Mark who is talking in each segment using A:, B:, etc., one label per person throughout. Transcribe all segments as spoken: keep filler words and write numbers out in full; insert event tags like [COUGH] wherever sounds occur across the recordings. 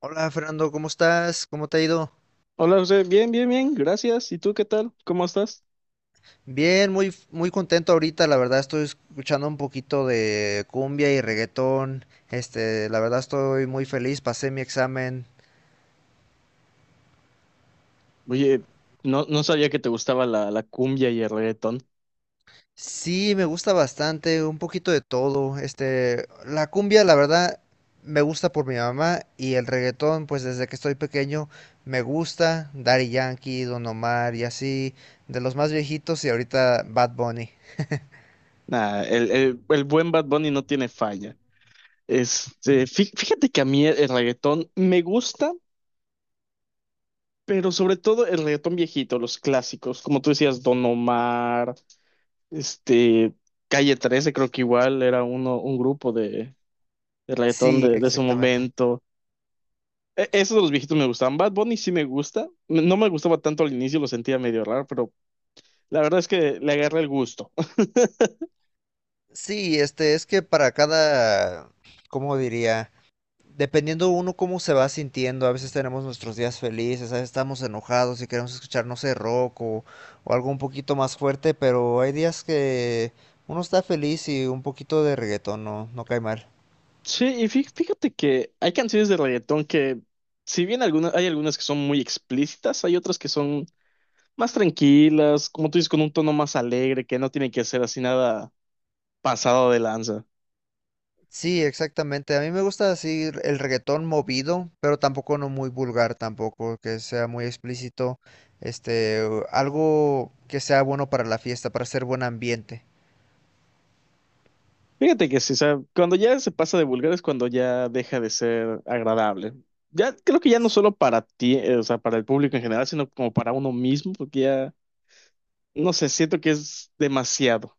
A: Hola Fernando, ¿cómo estás? ¿Cómo te ha ido?
B: Hola José, bien, bien, bien, gracias. ¿Y tú qué tal? ¿Cómo estás?
A: Bien, muy, muy contento ahorita, la verdad estoy escuchando un poquito de cumbia y reggaetón. Este, la verdad estoy muy feliz, pasé mi examen.
B: Oye, no, no sabía que te gustaba la, la cumbia y el reggaetón.
A: Sí, me gusta bastante, un poquito de todo. Este, la cumbia, la verdad, me gusta por mi mamá y el reggaetón, pues desde que estoy pequeño me gusta. Daddy Yankee, Don Omar y así, de los más viejitos y ahorita Bad Bunny.
B: Nah, el, el, el buen Bad Bunny no tiene falla. Este, fí- fíjate que a mí el, el reggaetón me gusta, pero sobre todo el reggaetón viejito, los clásicos, como tú decías, Don Omar, este, Calle trece, creo que igual era uno, un grupo de, de reggaetón
A: Sí,
B: de, de su
A: exactamente.
B: momento. E- Esos de los viejitos me gustaban. Bad Bunny sí me gusta. No me gustaba tanto al inicio, lo sentía medio raro, pero la verdad es que le agarra el gusto. [LAUGHS]
A: Sí, este, es que para cada, ¿cómo diría? Dependiendo uno cómo se va sintiendo, a veces tenemos nuestros días felices, a veces estamos enojados y queremos escuchar, no sé, rock o, o algo un poquito más fuerte, pero hay días que uno está feliz y un poquito de reggaetón no, no cae mal.
B: Sí, y fí- fíjate que hay canciones de reggaetón que, si bien algunas, hay algunas que son muy explícitas, hay otras que son más tranquilas, como tú dices, con un tono más alegre, que no tiene que ser así nada pasado de lanza.
A: Sí, exactamente. A mí me gusta así el reggaetón movido, pero tampoco no muy vulgar tampoco, que sea muy explícito, este, algo que sea bueno para la fiesta, para hacer buen ambiente.
B: Fíjate que sí, o sea, cuando ya se pasa de vulgar es cuando ya deja de ser agradable. Ya creo que ya no solo para ti, eh, o sea, para el público en general, sino como para uno mismo, porque ya, no sé, siento que es demasiado.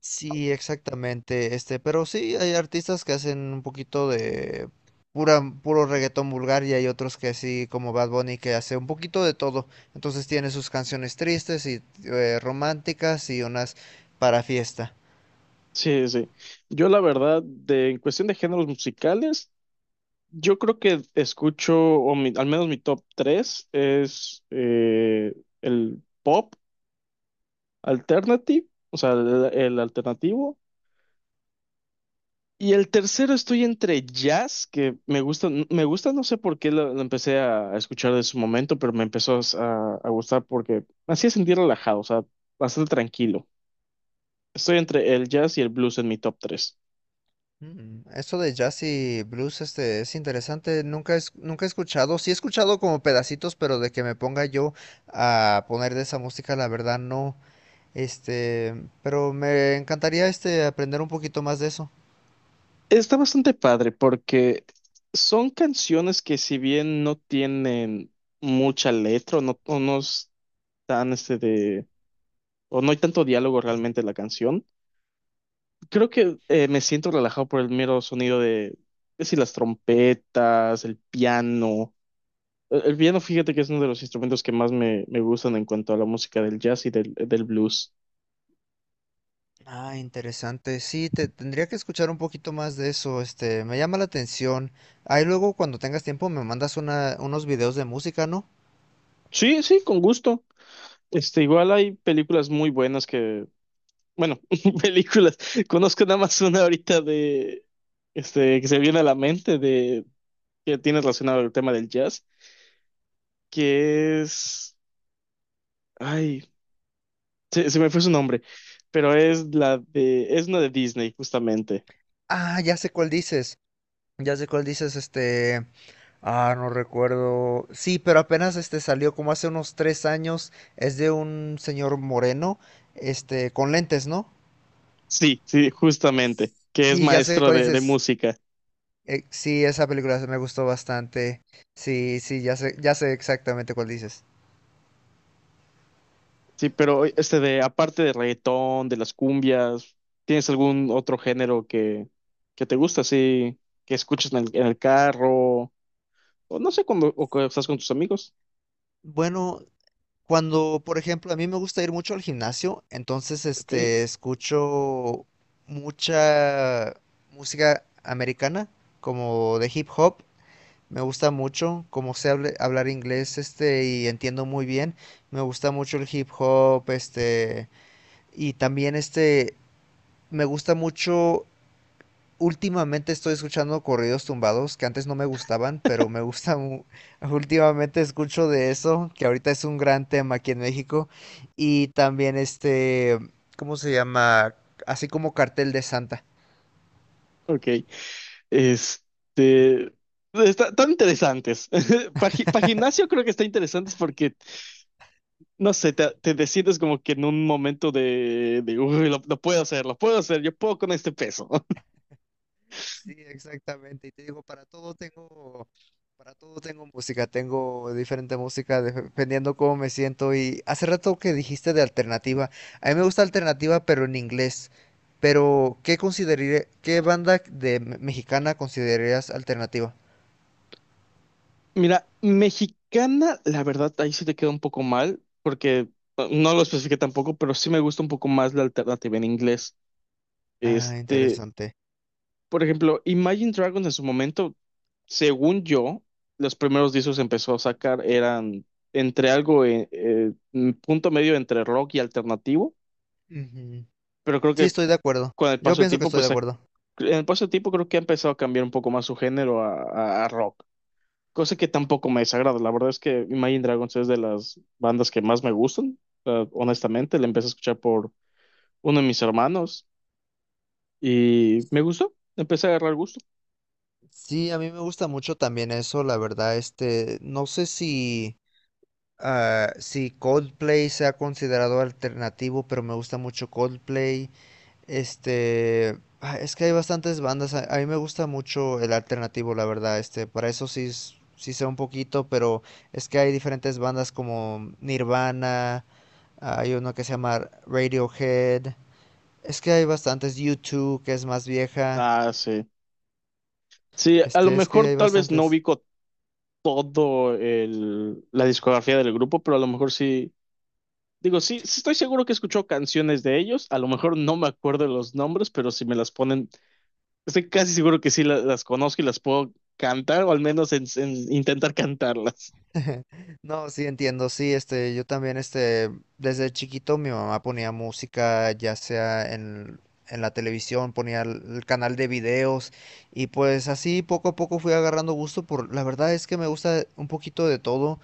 A: Sí, exactamente, este, pero sí hay artistas que hacen un poquito de pura, puro reggaetón vulgar y hay otros que sí, como Bad Bunny, que hace un poquito de todo. Entonces tiene sus canciones tristes y eh, románticas y unas para fiesta.
B: Sí, sí. Yo la verdad, de, en cuestión de géneros musicales, yo creo que escucho, o mi- al menos mi top tres es eh, el pop alternative, o sea, el, el alternativo. Y el tercero estoy entre jazz, que me gusta, me gusta, no sé por qué lo, lo empecé a escuchar de su momento, pero me empezó a, a gustar porque me hacía sentir relajado, o sea, bastante tranquilo. Estoy entre el jazz y el blues en mi top tres.
A: Mm, eso de jazz y blues, este, es interesante. Nunca es, nunca he escuchado. Sí he escuchado como pedacitos, pero de que me ponga yo a poner de esa música, la verdad no. Este, pero me encantaría este aprender un poquito más de eso.
B: Está bastante padre porque son canciones que si bien no tienen mucha letra o no, o no están este de o no hay tanto diálogo realmente en la canción, creo que eh, me siento relajado por el mero sonido de, es decir, las trompetas, el piano. El, el piano, fíjate que es uno de los instrumentos que más me, me gustan en cuanto a la música del jazz y del, del blues.
A: Ah, interesante. Sí, te tendría que escuchar un poquito más de eso. Este, me llama la atención. Ahí luego cuando tengas tiempo me mandas una, unos videos de música, ¿no?
B: Sí, sí, con gusto. Este, igual hay películas muy buenas que bueno, [LAUGHS] películas. Conozco nada más una ahorita de, este, que se viene a la mente de, que tiene relacionado al tema del jazz, que es, ay, se, se me fue su nombre, pero es la de, es una de Disney, justamente.
A: Ah, ya sé cuál dices. Ya sé cuál dices, este. Ah, no recuerdo. Sí, pero apenas este salió como hace unos tres años. Es de un señor moreno, este, con lentes, ¿no?
B: Sí, sí, justamente, que es
A: Sí, ya sé
B: maestro
A: cuál
B: de, de
A: dices.
B: música.
A: Eh, sí, esa película me gustó bastante. Sí, sí, ya sé, ya sé exactamente cuál dices.
B: Sí, pero este de, aparte de reggaetón, de las cumbias, ¿tienes algún otro género que, que te gusta, así, que escuchas en el, en el carro, o no sé, cuando, o cuando estás con tus amigos?
A: Bueno, cuando, por ejemplo, a mí me gusta ir mucho al gimnasio, entonces
B: Ok.
A: este escucho mucha música americana, como de hip hop. Me gusta mucho, como sé hable- hablar inglés, este, y entiendo muy bien. Me gusta mucho el hip hop, este, y también este, me gusta mucho. Últimamente estoy escuchando corridos tumbados que antes no me gustaban, pero me gusta mu- [LAUGHS] Últimamente escucho de eso, que ahorita es un gran tema aquí en México. Y también este, ¿cómo se llama? Así como Cartel de Santa.
B: Ok, este, está- están interesantes. [LAUGHS] Para gimnasio creo que está interesantes porque, no sé, te, te decides como que en un momento de, de uy, lo, lo puedo hacer, lo puedo hacer, yo puedo con este peso. [LAUGHS]
A: Sí, exactamente. Y te digo, para todo tengo, para todo tengo música, tengo diferente música de- dependiendo cómo me siento. Y hace rato que dijiste de alternativa, a mí me gusta alternativa, pero en inglés. Pero, ¿qué consideraré, qué banda de me- mexicana considerarías alternativa?
B: Mira, mexicana, la verdad, ahí sí te queda un poco mal porque eh, no lo especifiqué tampoco, pero sí me gusta un poco más la alternativa en inglés.
A: Ah,
B: Este,
A: interesante.
B: por ejemplo, Imagine Dragons en su momento, según yo, los primeros discos que empezó a sacar eran entre algo, eh, eh, un punto medio entre rock y alternativo,
A: Ujú.
B: pero creo
A: Sí,
B: que
A: estoy de acuerdo.
B: con el
A: Yo
B: paso del
A: pienso que
B: tiempo,
A: estoy de
B: pues ha-
A: acuerdo.
B: en el paso del tiempo creo que ha empezado a cambiar un poco más su género a, a- a rock, cosa que tampoco me desagrada. La verdad es que Imagine Dragons es de las bandas que más me gustan, eh, honestamente, la empecé a escuchar por uno de mis hermanos y me gustó, empecé a agarrar gusto.
A: Sí, a mí me gusta mucho también eso, la verdad, este, no sé si. Ah, sí, Coldplay se ha considerado alternativo, pero me gusta mucho Coldplay. Este, ah, es que hay bastantes bandas. A, a mí me gusta mucho el alternativo, la verdad. Este, para eso sí, s- sí sé un poquito, pero es que hay diferentes bandas como Nirvana, hay uno que se llama Radiohead. Es que hay bastantes. U dos, que es más vieja.
B: Ah, sí. Sí, a lo
A: Este, es que
B: mejor
A: hay
B: tal vez no
A: bastantes.
B: ubico todo el, la discografía del grupo, pero a lo mejor sí, digo, sí, sí estoy seguro que escucho canciones de ellos, a lo mejor no me acuerdo de los nombres, pero si me las ponen, estoy casi seguro que sí la- las conozco y las puedo cantar, o al menos en- en intentar cantarlas.
A: [LAUGHS] No, sí entiendo, sí, este, yo también, este, desde chiquito mi mamá ponía música, ya sea en, en la televisión, ponía el, el canal de videos, y pues así poco a poco fui agarrando gusto por, la verdad es que me gusta un poquito de todo,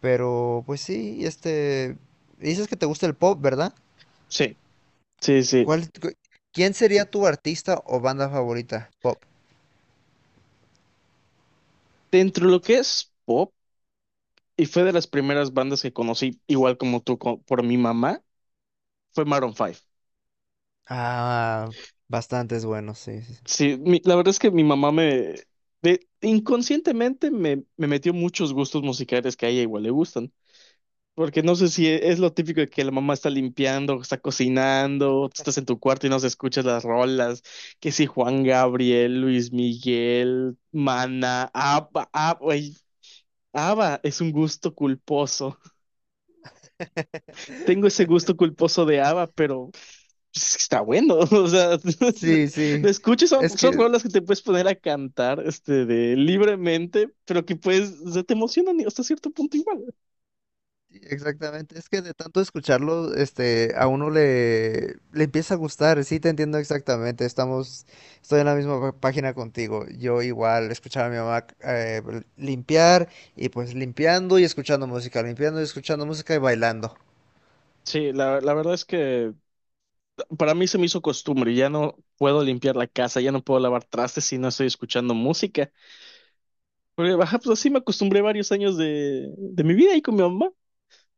A: pero pues sí, este, dices que te gusta el pop, ¿verdad?
B: Sí, sí, sí.
A: ¿Cuál, cu- ¿quién sería tu artista o banda favorita? Pop.
B: Dentro de lo que es pop, y fue de las primeras bandas que conocí, igual como tú, co- por mi mamá, fue Maroon Five.
A: Ah, bastantes buenos, sí, sí, sí.
B: Sí, mi- la verdad es que mi mamá me inconscientemente me, me metió muchos gustos musicales que a ella igual le gustan. Porque no sé si e- es lo típico de que la mamá está limpiando, está cocinando, tú estás en tu cuarto y no se escuchas las rolas. Que si Juan Gabriel, Luis Miguel, Mana, ABBA, ABBA, güey, ABBA es un gusto culposo. Tengo ese gusto culposo de ABBA, pero pues, está bueno. [LAUGHS] O sea, [LAUGHS]
A: Sí, sí.
B: lo escucho, y son,
A: Es
B: son
A: que
B: rolas que te puedes poner a cantar este, de, libremente, pero que pues o sea, te emocionan y hasta cierto punto igual.
A: sí, exactamente, es que de tanto escucharlo, este, a uno le, le empieza a gustar, sí te entiendo exactamente, estamos, estoy en la misma pá- página contigo, yo igual escuchaba a mi mamá eh, limpiar y pues limpiando y escuchando música, limpiando y escuchando música y bailando.
B: Sí, la, la verdad es que para mí se me hizo costumbre. Ya no puedo limpiar la casa, ya no puedo lavar trastes si no estoy escuchando música. Porque baja, pues así me acostumbré varios años de, de mi vida ahí con mi mamá.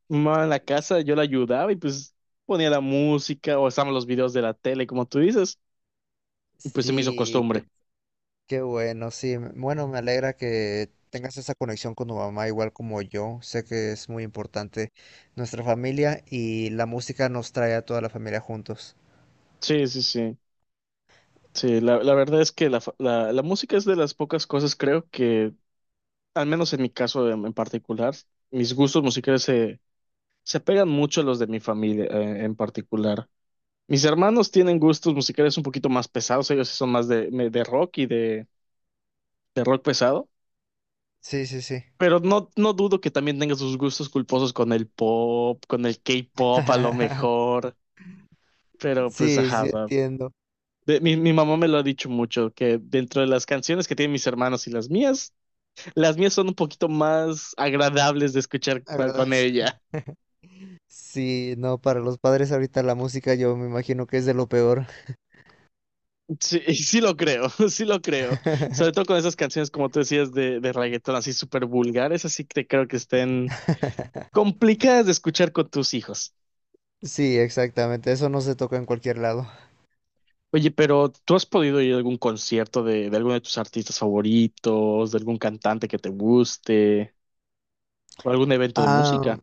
B: Mi mamá en la casa, yo la ayudaba y pues ponía la música o estaban los videos de la tele, como tú dices. Y pues se me hizo
A: Sí, qué,
B: costumbre.
A: qué bueno, sí, m- bueno, me alegra que tengas esa conexión con tu mamá igual como yo, sé que es muy importante nuestra familia y la música nos trae a toda la familia juntos.
B: Sí, sí, sí. Sí, la, la verdad es que la, fa- la, la música es de las pocas cosas, creo que, al menos en mi caso en, en particular, mis gustos musicales se, se pegan mucho a los de mi familia eh, en particular. Mis hermanos tienen gustos musicales un poquito más pesados, ellos sí son más de, me- de rock y de, de rock pesado,
A: Sí, sí, sí.
B: pero no, no dudo que también tengan sus gustos culposos con el pop, con el K-pop a lo
A: [LAUGHS]
B: mejor, pero pues
A: Sí,
B: ajá.
A: sí, entiendo.
B: De- mi, mi mamá me lo ha dicho mucho, que dentro de las canciones que tienen mis hermanos y las mías, las mías son un poquito más agradables de escuchar
A: La
B: pa-
A: verdad
B: con ella.
A: sí, no, para los padres ahorita la música yo me imagino que es de lo peor.
B: Sí, y sí lo creo, [LAUGHS] sí lo creo. Sobre
A: [LAUGHS]
B: todo con esas canciones, como tú decías, de, de reggaetón, así súper vulgares, así que creo que estén complicadas de escuchar con tus hijos.
A: Sí, exactamente, eso no se toca en cualquier lado.
B: Oye, pero ¿tú has podido ir a algún concierto de, de alguno de tus artistas favoritos, de algún cantante que te guste, o algún evento de
A: Ah,
B: música?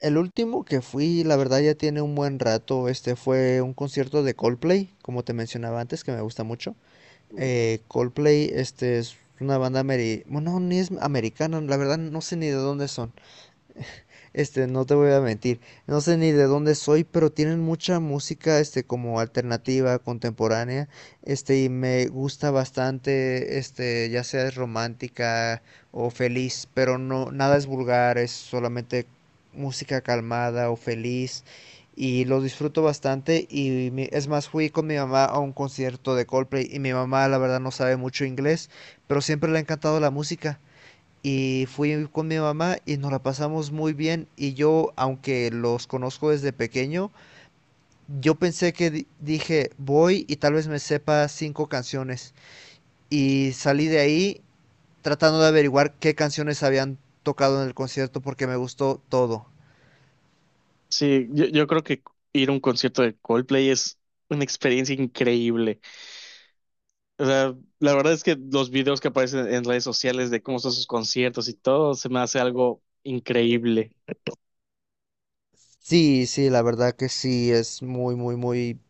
A: el último que fui, la verdad ya tiene un buen rato, este fue un concierto de Coldplay, como te mencionaba antes, que me gusta mucho. Eh, Coldplay, este es una banda ameri... Bueno, no, ni es americana, la verdad no sé ni de dónde son. Este, no te voy a mentir, no sé ni de dónde soy, pero tienen mucha música, este, como alternativa, contemporánea, este, y me gusta bastante, este, ya sea es romántica o feliz, pero no, nada es vulgar, es solamente música calmada o feliz, y los disfruto bastante, y mi- es más, fui con mi mamá a un concierto de Coldplay, y mi mamá, la verdad, no sabe mucho inglés, pero siempre le ha encantado la música. Y fui con mi mamá y nos la pasamos muy bien. Y yo, aunque los conozco desde pequeño, yo pensé que di- dije, voy y tal vez me sepa cinco canciones. Y salí de ahí tratando de averiguar qué canciones habían tocado en el concierto porque me gustó todo.
B: Sí, yo, yo creo que ir a un concierto de Coldplay es una experiencia increíble. O sea, la verdad es que los videos que aparecen en redes sociales de cómo son sus conciertos y todo, se me hace algo increíble.
A: Sí, sí, la verdad que sí, es muy, muy, muy,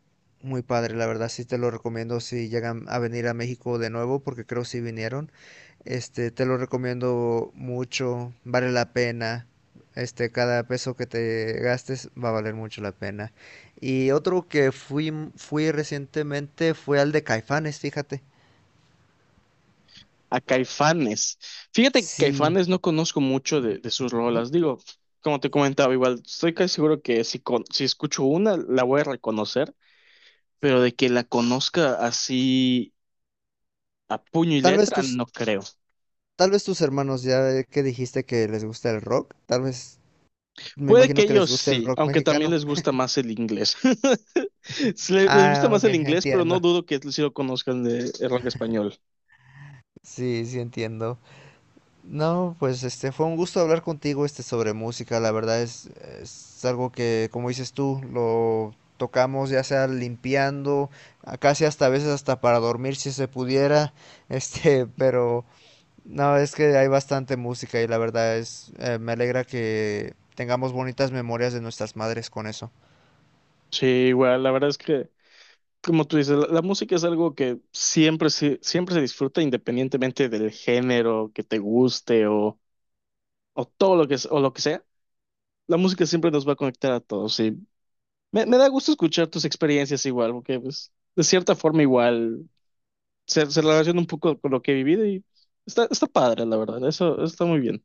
A: muy padre. La verdad sí te lo recomiendo si llegan a venir a México de nuevo porque creo si vinieron. Este, te lo recomiendo mucho, vale la pena. Este, cada peso que te gastes va a valer mucho la pena. Y otro que fui, fui recientemente fue al de Caifanes, fíjate.
B: A Caifanes. Fíjate que
A: Sí,
B: Caifanes no conozco mucho de, de sus
A: ¿no?
B: rolas. Digo, como te comentaba, igual estoy casi seguro que si, con- si escucho una, la voy a reconocer, pero de que la conozca así a puño y
A: Tal vez
B: letra,
A: tus,
B: no creo.
A: tal vez tus hermanos, ya que dijiste que les gusta el rock, tal vez, me
B: Puede que
A: imagino que les
B: ellos
A: gusta el
B: sí,
A: rock
B: aunque también
A: mexicano.
B: les gusta más el inglés. [LAUGHS] Sí, le- les gusta
A: Ah,
B: más
A: ok,
B: el inglés, pero no
A: entiendo.
B: dudo que sí lo conozcan de el rock español.
A: Sí, sí entiendo. No, pues este fue un gusto hablar contigo este sobre música. La verdad es, es algo que, como dices tú, lo tocamos ya sea limpiando, a- casi hasta a veces hasta para dormir si se pudiera. [LAUGHS] Este, pero no, es que hay bastante música y la verdad es, eh, me alegra que tengamos bonitas memorias de nuestras madres con eso.
B: Sí, igual, la verdad es que, como tú dices, la, la música es algo que siempre se, siempre se disfruta independientemente del género que te guste o, o todo lo que, es- o lo que sea. La música siempre nos va a conectar a todos. Y me, me da gusto escuchar tus experiencias igual, porque pues, de cierta forma igual se, se relaciona un poco con lo que he vivido y está, está padre, la verdad. Eso está muy bien.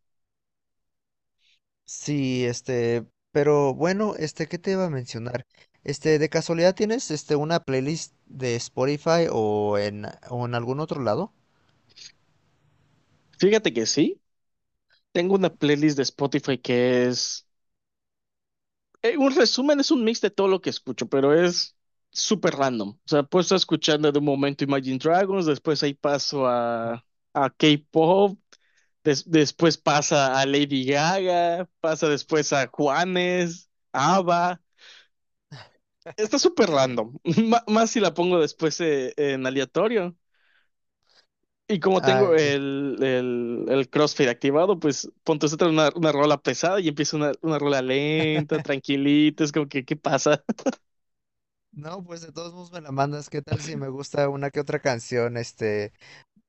A: Sí, este, pero bueno, este, ¿qué te iba a mencionar? Este, ¿de casualidad tienes este una playlist de Spotify o en, o en algún otro lado?
B: Fíjate que sí, tengo una playlist de Spotify que es, eh, un resumen, es un mix de todo lo que escucho, pero es súper random. O sea, puedo estar escuchando de un momento Imagine Dragons, después ahí paso a,
A: Ujú.
B: a K-pop, des- después pasa a Lady Gaga, pasa después a Juanes, ABBA. Está súper random, [LAUGHS] M- más si la pongo después eh, en aleatorio. Y como tengo
A: Ay,
B: el, el, el CrossFit activado, pues ponte otra una, una rola pesada y empieza una, una rola lenta, tranquilita, es como que, ¿qué pasa?
A: no, pues de todos modos me la mandas. ¿Qué tal si me gusta una que otra canción? Este,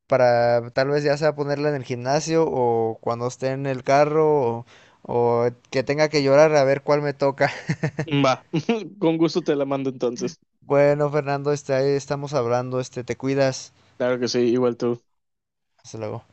A: para tal vez ya sea ponerla en el gimnasio o cuando esté en el carro o, o que tenga que llorar a ver cuál me toca. [LAUGHS]
B: [LAUGHS] Va, [LAUGHS] con gusto te la mando entonces.
A: Bueno, Fernando, este, ahí estamos hablando. Este, te cuidas.
B: Claro que sí, igual tú.
A: Hasta luego.